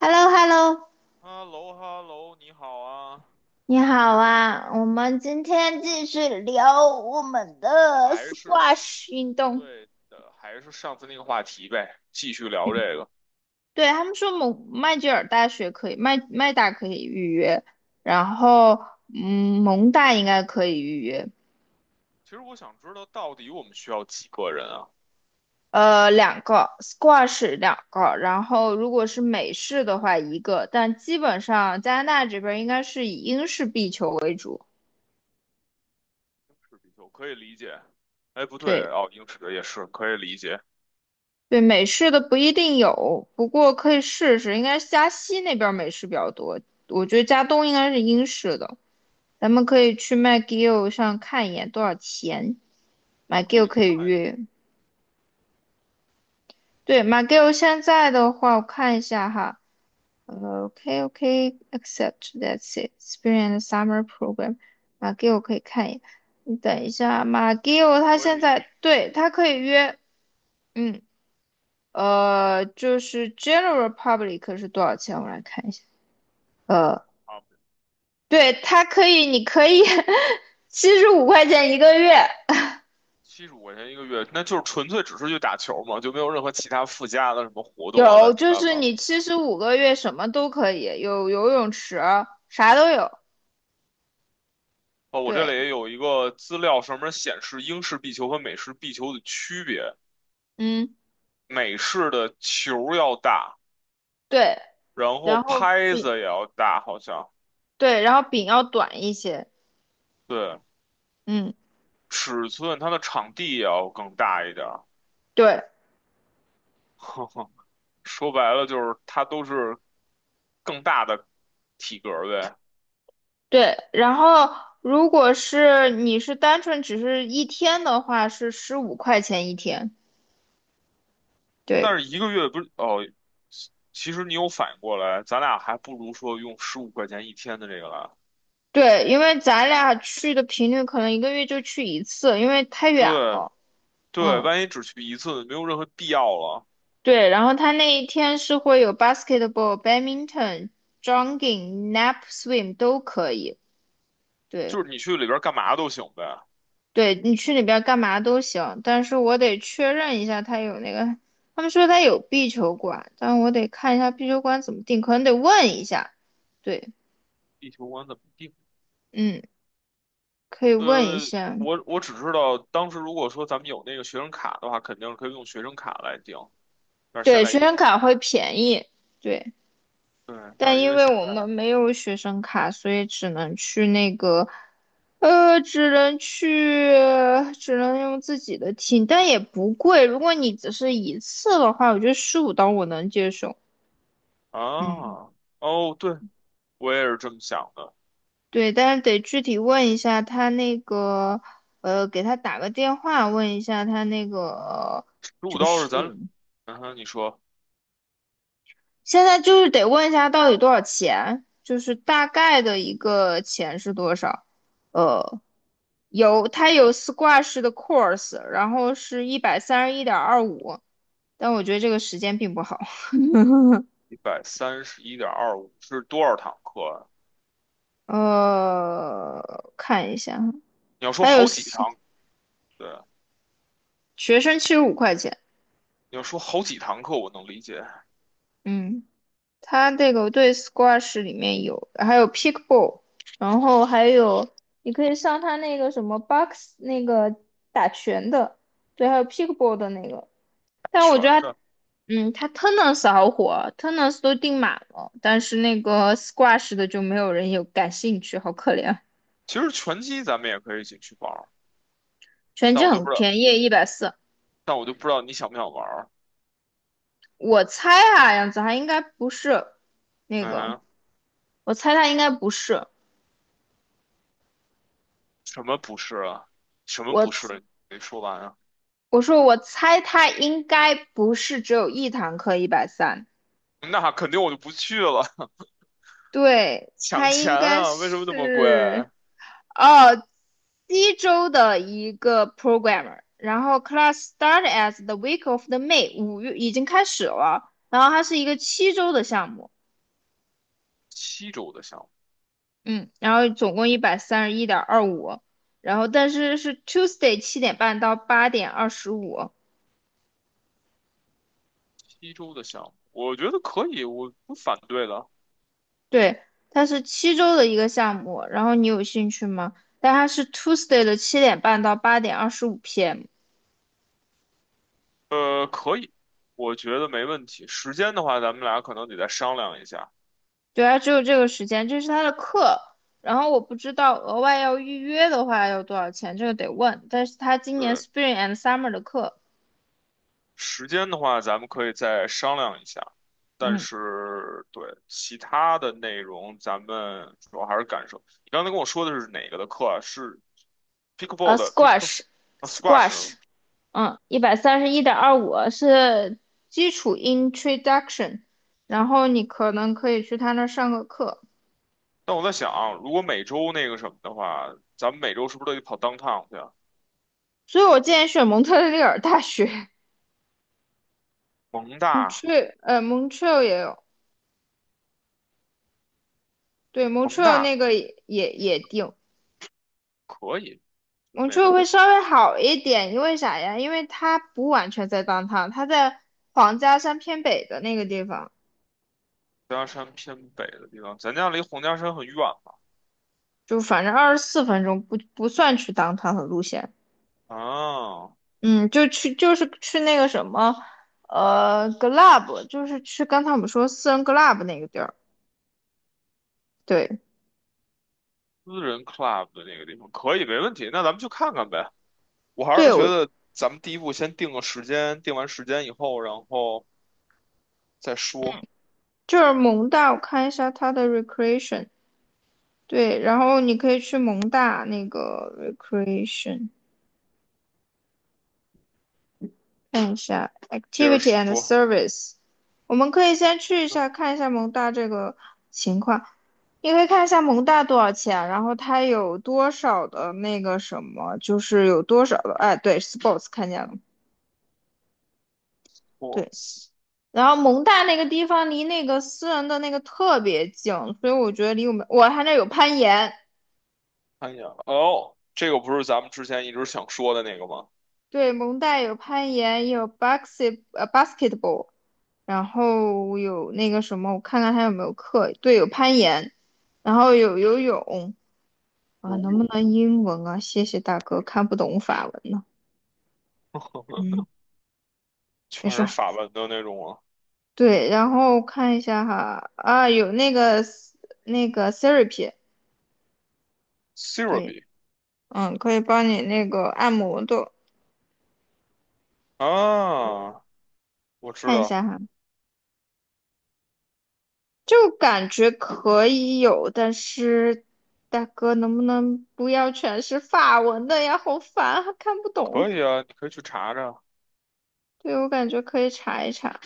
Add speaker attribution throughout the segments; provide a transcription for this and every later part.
Speaker 1: h e l l o h e l l o
Speaker 2: 哈喽哈喽，你好啊，
Speaker 1: 你好啊！我们今天继续聊我们的
Speaker 2: 还是
Speaker 1: squash 运动。
Speaker 2: 对的，还是上次那个话题呗，继续聊这
Speaker 1: 嗯，
Speaker 2: 个。
Speaker 1: 对，他们说蒙麦吉尔大学可以，麦大可以预约，然后蒙大应该可以预约。
Speaker 2: 其实我想知道，到底我们需要几个人啊？
Speaker 1: 两个 squash 两个，然后如果是美式的话一个，但基本上加拿大这边应该是以英式壁球为主。
Speaker 2: 英尺比丘可以理解，哎，不对
Speaker 1: 对，
Speaker 2: 哦，英尺也是可以理解。
Speaker 1: 对，美式的不一定有，不过可以试试，应该是加西那边儿美式比较多，我觉得加东应该是英式的，咱们可以去 McGill 上看一眼多少钱
Speaker 2: 我可
Speaker 1: ，McGill
Speaker 2: 以
Speaker 1: 可以
Speaker 2: 看，
Speaker 1: 约。对，McGill 现在的话，我看一下哈，OK OK accept that's it experience summer program McGill 可以看一眼，你等一下，McGill 他
Speaker 2: 可
Speaker 1: 现
Speaker 2: 以
Speaker 1: 在对他可以约，嗯，就是 general public 是多少钱？我来看一下。呃，
Speaker 2: 啊，
Speaker 1: 对，它可以，你可以 七十五 块钱一个月，
Speaker 2: 75块钱一个月，那就是纯粹只是去打球嘛，就没有任何其他附加的什么活动啊，乱
Speaker 1: 有，
Speaker 2: 七
Speaker 1: 就
Speaker 2: 八
Speaker 1: 是
Speaker 2: 糟。
Speaker 1: 你七十五个月什么都可以，有游泳池，啥都有。
Speaker 2: 哦，我这里
Speaker 1: 对，
Speaker 2: 也有一个资料，上面显示英式壁球和美式壁球的区别。
Speaker 1: 嗯，
Speaker 2: 美式的球要大，
Speaker 1: 对，
Speaker 2: 然后
Speaker 1: 然后
Speaker 2: 拍子
Speaker 1: 饼，
Speaker 2: 也要大，好像
Speaker 1: 对，然后饼要短一些。
Speaker 2: 对，
Speaker 1: 嗯，
Speaker 2: 尺寸它的场地也要更大一点儿。
Speaker 1: 对
Speaker 2: 说白了就是它都是更大的体格儿呗。
Speaker 1: 对，然后如果是你是单纯只是一天的话，是十五块钱一天。对。
Speaker 2: 但是一个月不是哦，其实你有反应过来，咱俩还不如说用十五块钱一天的这个来。
Speaker 1: 对，因为咱俩去的频率可能一个月就去一次，因为太远
Speaker 2: 对
Speaker 1: 了。
Speaker 2: 对，
Speaker 1: 嗯，
Speaker 2: 万一只去一次，没有任何必要了，
Speaker 1: 对。然后他那一天是会有 basketball、badminton、jogging、nap、swim 都可以。对，
Speaker 2: 就是你去里边儿干嘛都行呗。
Speaker 1: 对你去里边干嘛都行，但是我得确认一下他有那个，他们说他有壁球馆，但我得看一下壁球馆怎么定，可能得问一下。对，
Speaker 2: 地球馆怎么定？
Speaker 1: 嗯，可以问一
Speaker 2: 呃，
Speaker 1: 下。
Speaker 2: 我只知道当时如果说咱们有那个学生卡的话，肯定是可以用学生卡来订，但是现
Speaker 1: 对，
Speaker 2: 在
Speaker 1: 学
Speaker 2: 因为
Speaker 1: 生卡会便宜。对。
Speaker 2: 对，但
Speaker 1: 但
Speaker 2: 是因
Speaker 1: 因
Speaker 2: 为
Speaker 1: 为
Speaker 2: 现
Speaker 1: 我
Speaker 2: 在
Speaker 1: 们没有学生卡，所以只能去那个，呃，只能去，只能用自己的听，但也不贵。如果你只是一次的话，我觉得十五刀我能接受。嗯，
Speaker 2: 啊，哦，对，我也是这么想的。
Speaker 1: 对，但是得具体问一下他那个，给他打个电话问一下他那个，
Speaker 2: 如果
Speaker 1: 就
Speaker 2: 倒是
Speaker 1: 是
Speaker 2: 咱，嗯哼你说
Speaker 1: 现在就是得问一下到底多少钱，就是大概的一个钱是多少，呃。有，它有 squash 的 course，然后是一百三十一点二五，但我觉得这个时间并不好。
Speaker 2: 131.25是多少堂课啊？
Speaker 1: 看一下，
Speaker 2: 你要说
Speaker 1: 还有
Speaker 2: 好几 堂，对，
Speaker 1: 学生七十五块钱，
Speaker 2: 你要说好几堂课，我能理解
Speaker 1: 嗯，它这个对 squash 里面有，还有 pickleball，然后还有你可以上它那个什么 box 那个打拳的，对，还有 pickleball 的那个，但我觉
Speaker 2: 全
Speaker 1: 得它，
Speaker 2: 的。
Speaker 1: 它 Tennis 好火，Tennis 都订满了，但是那个 Squash 的就没有人有感兴趣，好可怜。
Speaker 2: 其实拳击咱们也可以一起去玩儿
Speaker 1: 拳
Speaker 2: 但
Speaker 1: 击
Speaker 2: 我就不
Speaker 1: 很
Speaker 2: 知道，
Speaker 1: 便宜，140。
Speaker 2: 但我就不知道你想不想玩儿
Speaker 1: 我猜啊，样子涵应该不是那个，
Speaker 2: 嗯，
Speaker 1: 我猜他应该不是。
Speaker 2: 什么不是啊？什么
Speaker 1: 我
Speaker 2: 不
Speaker 1: 猜
Speaker 2: 是？没说完啊。
Speaker 1: 我说我猜他应该不是只有一堂课一百三，
Speaker 2: 那肯定我就不去了，
Speaker 1: 对，
Speaker 2: 抢
Speaker 1: 他
Speaker 2: 钱
Speaker 1: 应该
Speaker 2: 啊！为什么那么贵？
Speaker 1: 是哦，西周的一个 programmer，然后 class start as the week of the May，五月已经开始了，然后它是一个七周的项目，
Speaker 2: 七周的项目，
Speaker 1: 嗯，然后总共一百三十一点二五，然后但是是 Tuesday 七点半到8:25，
Speaker 2: 七周的项目，我觉得可以，我不反对的。
Speaker 1: 对，它是七周的一个项目，然后你有兴趣吗？但它是 Tuesday 的七点半到8:25 PM，
Speaker 2: 可以，我觉得没问题。时间的话，咱们俩可能得再商量一下。
Speaker 1: 对啊，只有这个时间，这是他的课。然后我不知道额外要预约的话要多少钱，这个得问。但是他今年
Speaker 2: 对，
Speaker 1: Spring and Summer 的课，
Speaker 2: 时间的话，咱们可以再商量一下。但
Speaker 1: 嗯，
Speaker 2: 是，对，其他的内容，咱们主要还是感受。你刚才跟我说的是哪个的课啊？是 pickleball 的 pickleball
Speaker 1: Squash
Speaker 2: 啊 squash
Speaker 1: Squash，一百三十一点二五是基础 Introduction，然后你可能可以去他那儿上个课。
Speaker 2: 但我在想，如果每周那个什么的话，咱们每周是不是都得跑 downtown 去啊？
Speaker 1: 所以我建议选蒙特利尔大学
Speaker 2: 蒙
Speaker 1: 蒙
Speaker 2: 大，
Speaker 1: 特，Montreal 也有，对
Speaker 2: 蒙
Speaker 1: Montreal
Speaker 2: 大
Speaker 1: 那个也定，
Speaker 2: 可以，这
Speaker 1: 我
Speaker 2: 没
Speaker 1: 觉得
Speaker 2: 问
Speaker 1: 会
Speaker 2: 题。
Speaker 1: 稍微好一点，因为啥呀？因为它不完全在当 o w 它在皇家山偏北的那个地方，
Speaker 2: 洪家山偏北的地方，咱家离洪家山很远嘛。
Speaker 1: 就反正24分钟不算去当 o 的路线，
Speaker 2: 啊，
Speaker 1: 嗯，就是去那个什么，club，就是去刚才我们说私人 club 那个地儿，对
Speaker 2: 私人 club 的那个地方可以，没问题。那咱们去看看呗。我还是
Speaker 1: 对，
Speaker 2: 觉
Speaker 1: 我
Speaker 2: 得咱们第一步先定个时间，定完时间以后，然后再说，
Speaker 1: 就是蒙大，我看一下它的 recreation，对，然后你可以去蒙大那个 recreation。看一下
Speaker 2: 接着
Speaker 1: activity and
Speaker 2: 说。
Speaker 1: service，我们可以先去一
Speaker 2: 对，
Speaker 1: 下看一下蒙大这个情况。你可以看一下蒙大多少钱，然后它有多少的那个什么，就是有多少的，哎，对，sports 看见了，
Speaker 2: 我
Speaker 1: 对。然后蒙大那个地方离那个私人的那个特别近，所以我觉得离我们，我他那有攀岩，
Speaker 2: 看一眼，哦，这个不是咱们之前一直想说的那个吗？
Speaker 1: 对，蒙大有攀岩，有 basketball，然后有那个什么，我看看还有没有课。对，有攀岩，然后有游泳啊，
Speaker 2: 游
Speaker 1: 能不
Speaker 2: 泳。
Speaker 1: 能英文啊？谢谢大哥，看不懂法文呢。嗯，没
Speaker 2: 全
Speaker 1: 事
Speaker 2: 是
Speaker 1: 儿。
Speaker 2: 法文的那种啊
Speaker 1: 对，然后看一下哈，啊，有那个therapy，
Speaker 2: c e r a b
Speaker 1: 对，
Speaker 2: y
Speaker 1: 可以帮你那个按摩的，
Speaker 2: 啊，我知
Speaker 1: 看一
Speaker 2: 道，
Speaker 1: 下哈。就感觉可以有，但是大哥能不能不要全是法文的呀？好烦啊，还看不
Speaker 2: 可
Speaker 1: 懂。
Speaker 2: 以啊，你可以去查查，
Speaker 1: 对，我感觉可以查一查，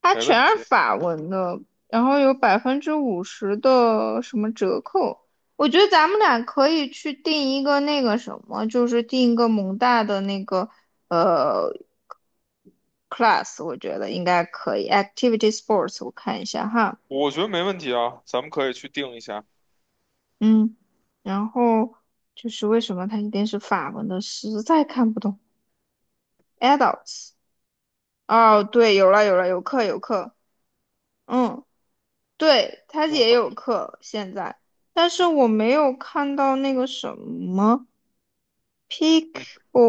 Speaker 1: 它
Speaker 2: 没
Speaker 1: 全
Speaker 2: 问
Speaker 1: 是
Speaker 2: 题，
Speaker 1: 法文的，然后有50%的什么折扣。我觉得咱们俩可以去订一个那个什么，就是订一个蒙大的那个呃 class，我觉得应该可以。Activity sports，我看一下哈。
Speaker 2: 我觉得没问题啊，咱们可以去定一下。
Speaker 1: 嗯，然后就是为什么它一定是法文的，实在看不懂。Adults，哦，对，有了有了，有课有课，嗯，对，它
Speaker 2: 嗯
Speaker 1: 也
Speaker 2: 哼，
Speaker 1: 有课现在，但是我没有看到那个什么 p e a k 哦，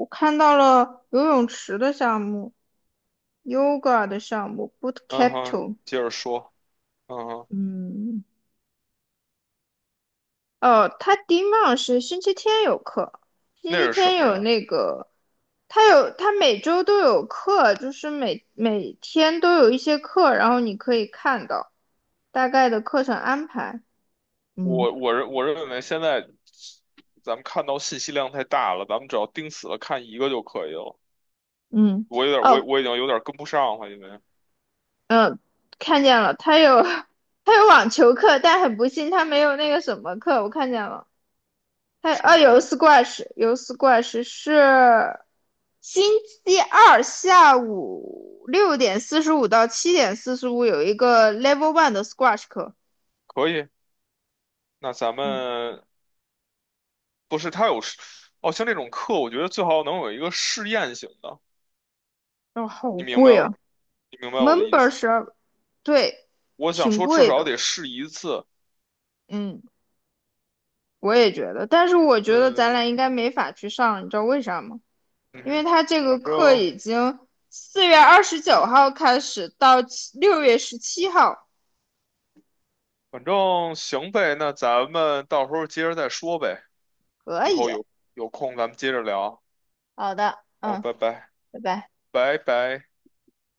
Speaker 1: 我看到了游泳池的项目，yoga 的项目，boot
Speaker 2: 嗯哼，
Speaker 1: capital，
Speaker 2: 接着说，嗯哼，
Speaker 1: 嗯。哦，他第一浪是星期天有课，星
Speaker 2: 那
Speaker 1: 期
Speaker 2: 是什
Speaker 1: 天
Speaker 2: 么
Speaker 1: 有
Speaker 2: 呀？
Speaker 1: 那个，他每周都有课，就是每天都有一些课，然后你可以看到大概的课程安排。嗯
Speaker 2: 我认为现在咱们看到信息量太大了，咱们只要盯死了看一个就可以了。
Speaker 1: 嗯，
Speaker 2: 我有点，我
Speaker 1: 哦
Speaker 2: 我已经有点跟不上了，因为
Speaker 1: 嗯，看见了，他有 他有网球课，但很不幸他没有那个什么课，我看见了。还有
Speaker 2: 什
Speaker 1: 啊，
Speaker 2: 么呀？
Speaker 1: 有 s 斯怪 h 是星期二下午6:45到7:45有一个 Level One 的 Squash 课，
Speaker 2: 可以，那咱
Speaker 1: 嗯，
Speaker 2: 们不是他有，哦，像这种课，我觉得最好能有一个试验型的。
Speaker 1: 哦好
Speaker 2: 你明白
Speaker 1: 贵啊
Speaker 2: 我，你明白我的意思吧？
Speaker 1: ，Membership，对，
Speaker 2: 我想
Speaker 1: 挺
Speaker 2: 说，至
Speaker 1: 贵
Speaker 2: 少
Speaker 1: 的，
Speaker 2: 得试一次。
Speaker 1: 嗯，我也觉得，但是我觉得咱
Speaker 2: 对，
Speaker 1: 俩应该没法去上，你知道为啥吗？
Speaker 2: 嗯
Speaker 1: 因为
Speaker 2: 哼
Speaker 1: 他这
Speaker 2: 反
Speaker 1: 个课
Speaker 2: 正
Speaker 1: 已经4月29号开始到6月17号，
Speaker 2: 反正行呗，那咱们到时候接着再说呗。
Speaker 1: 可
Speaker 2: 以后
Speaker 1: 以，
Speaker 2: 有空咱们接着聊。
Speaker 1: 好的，
Speaker 2: 好，
Speaker 1: 嗯，
Speaker 2: 拜拜，
Speaker 1: 拜拜。
Speaker 2: 拜拜。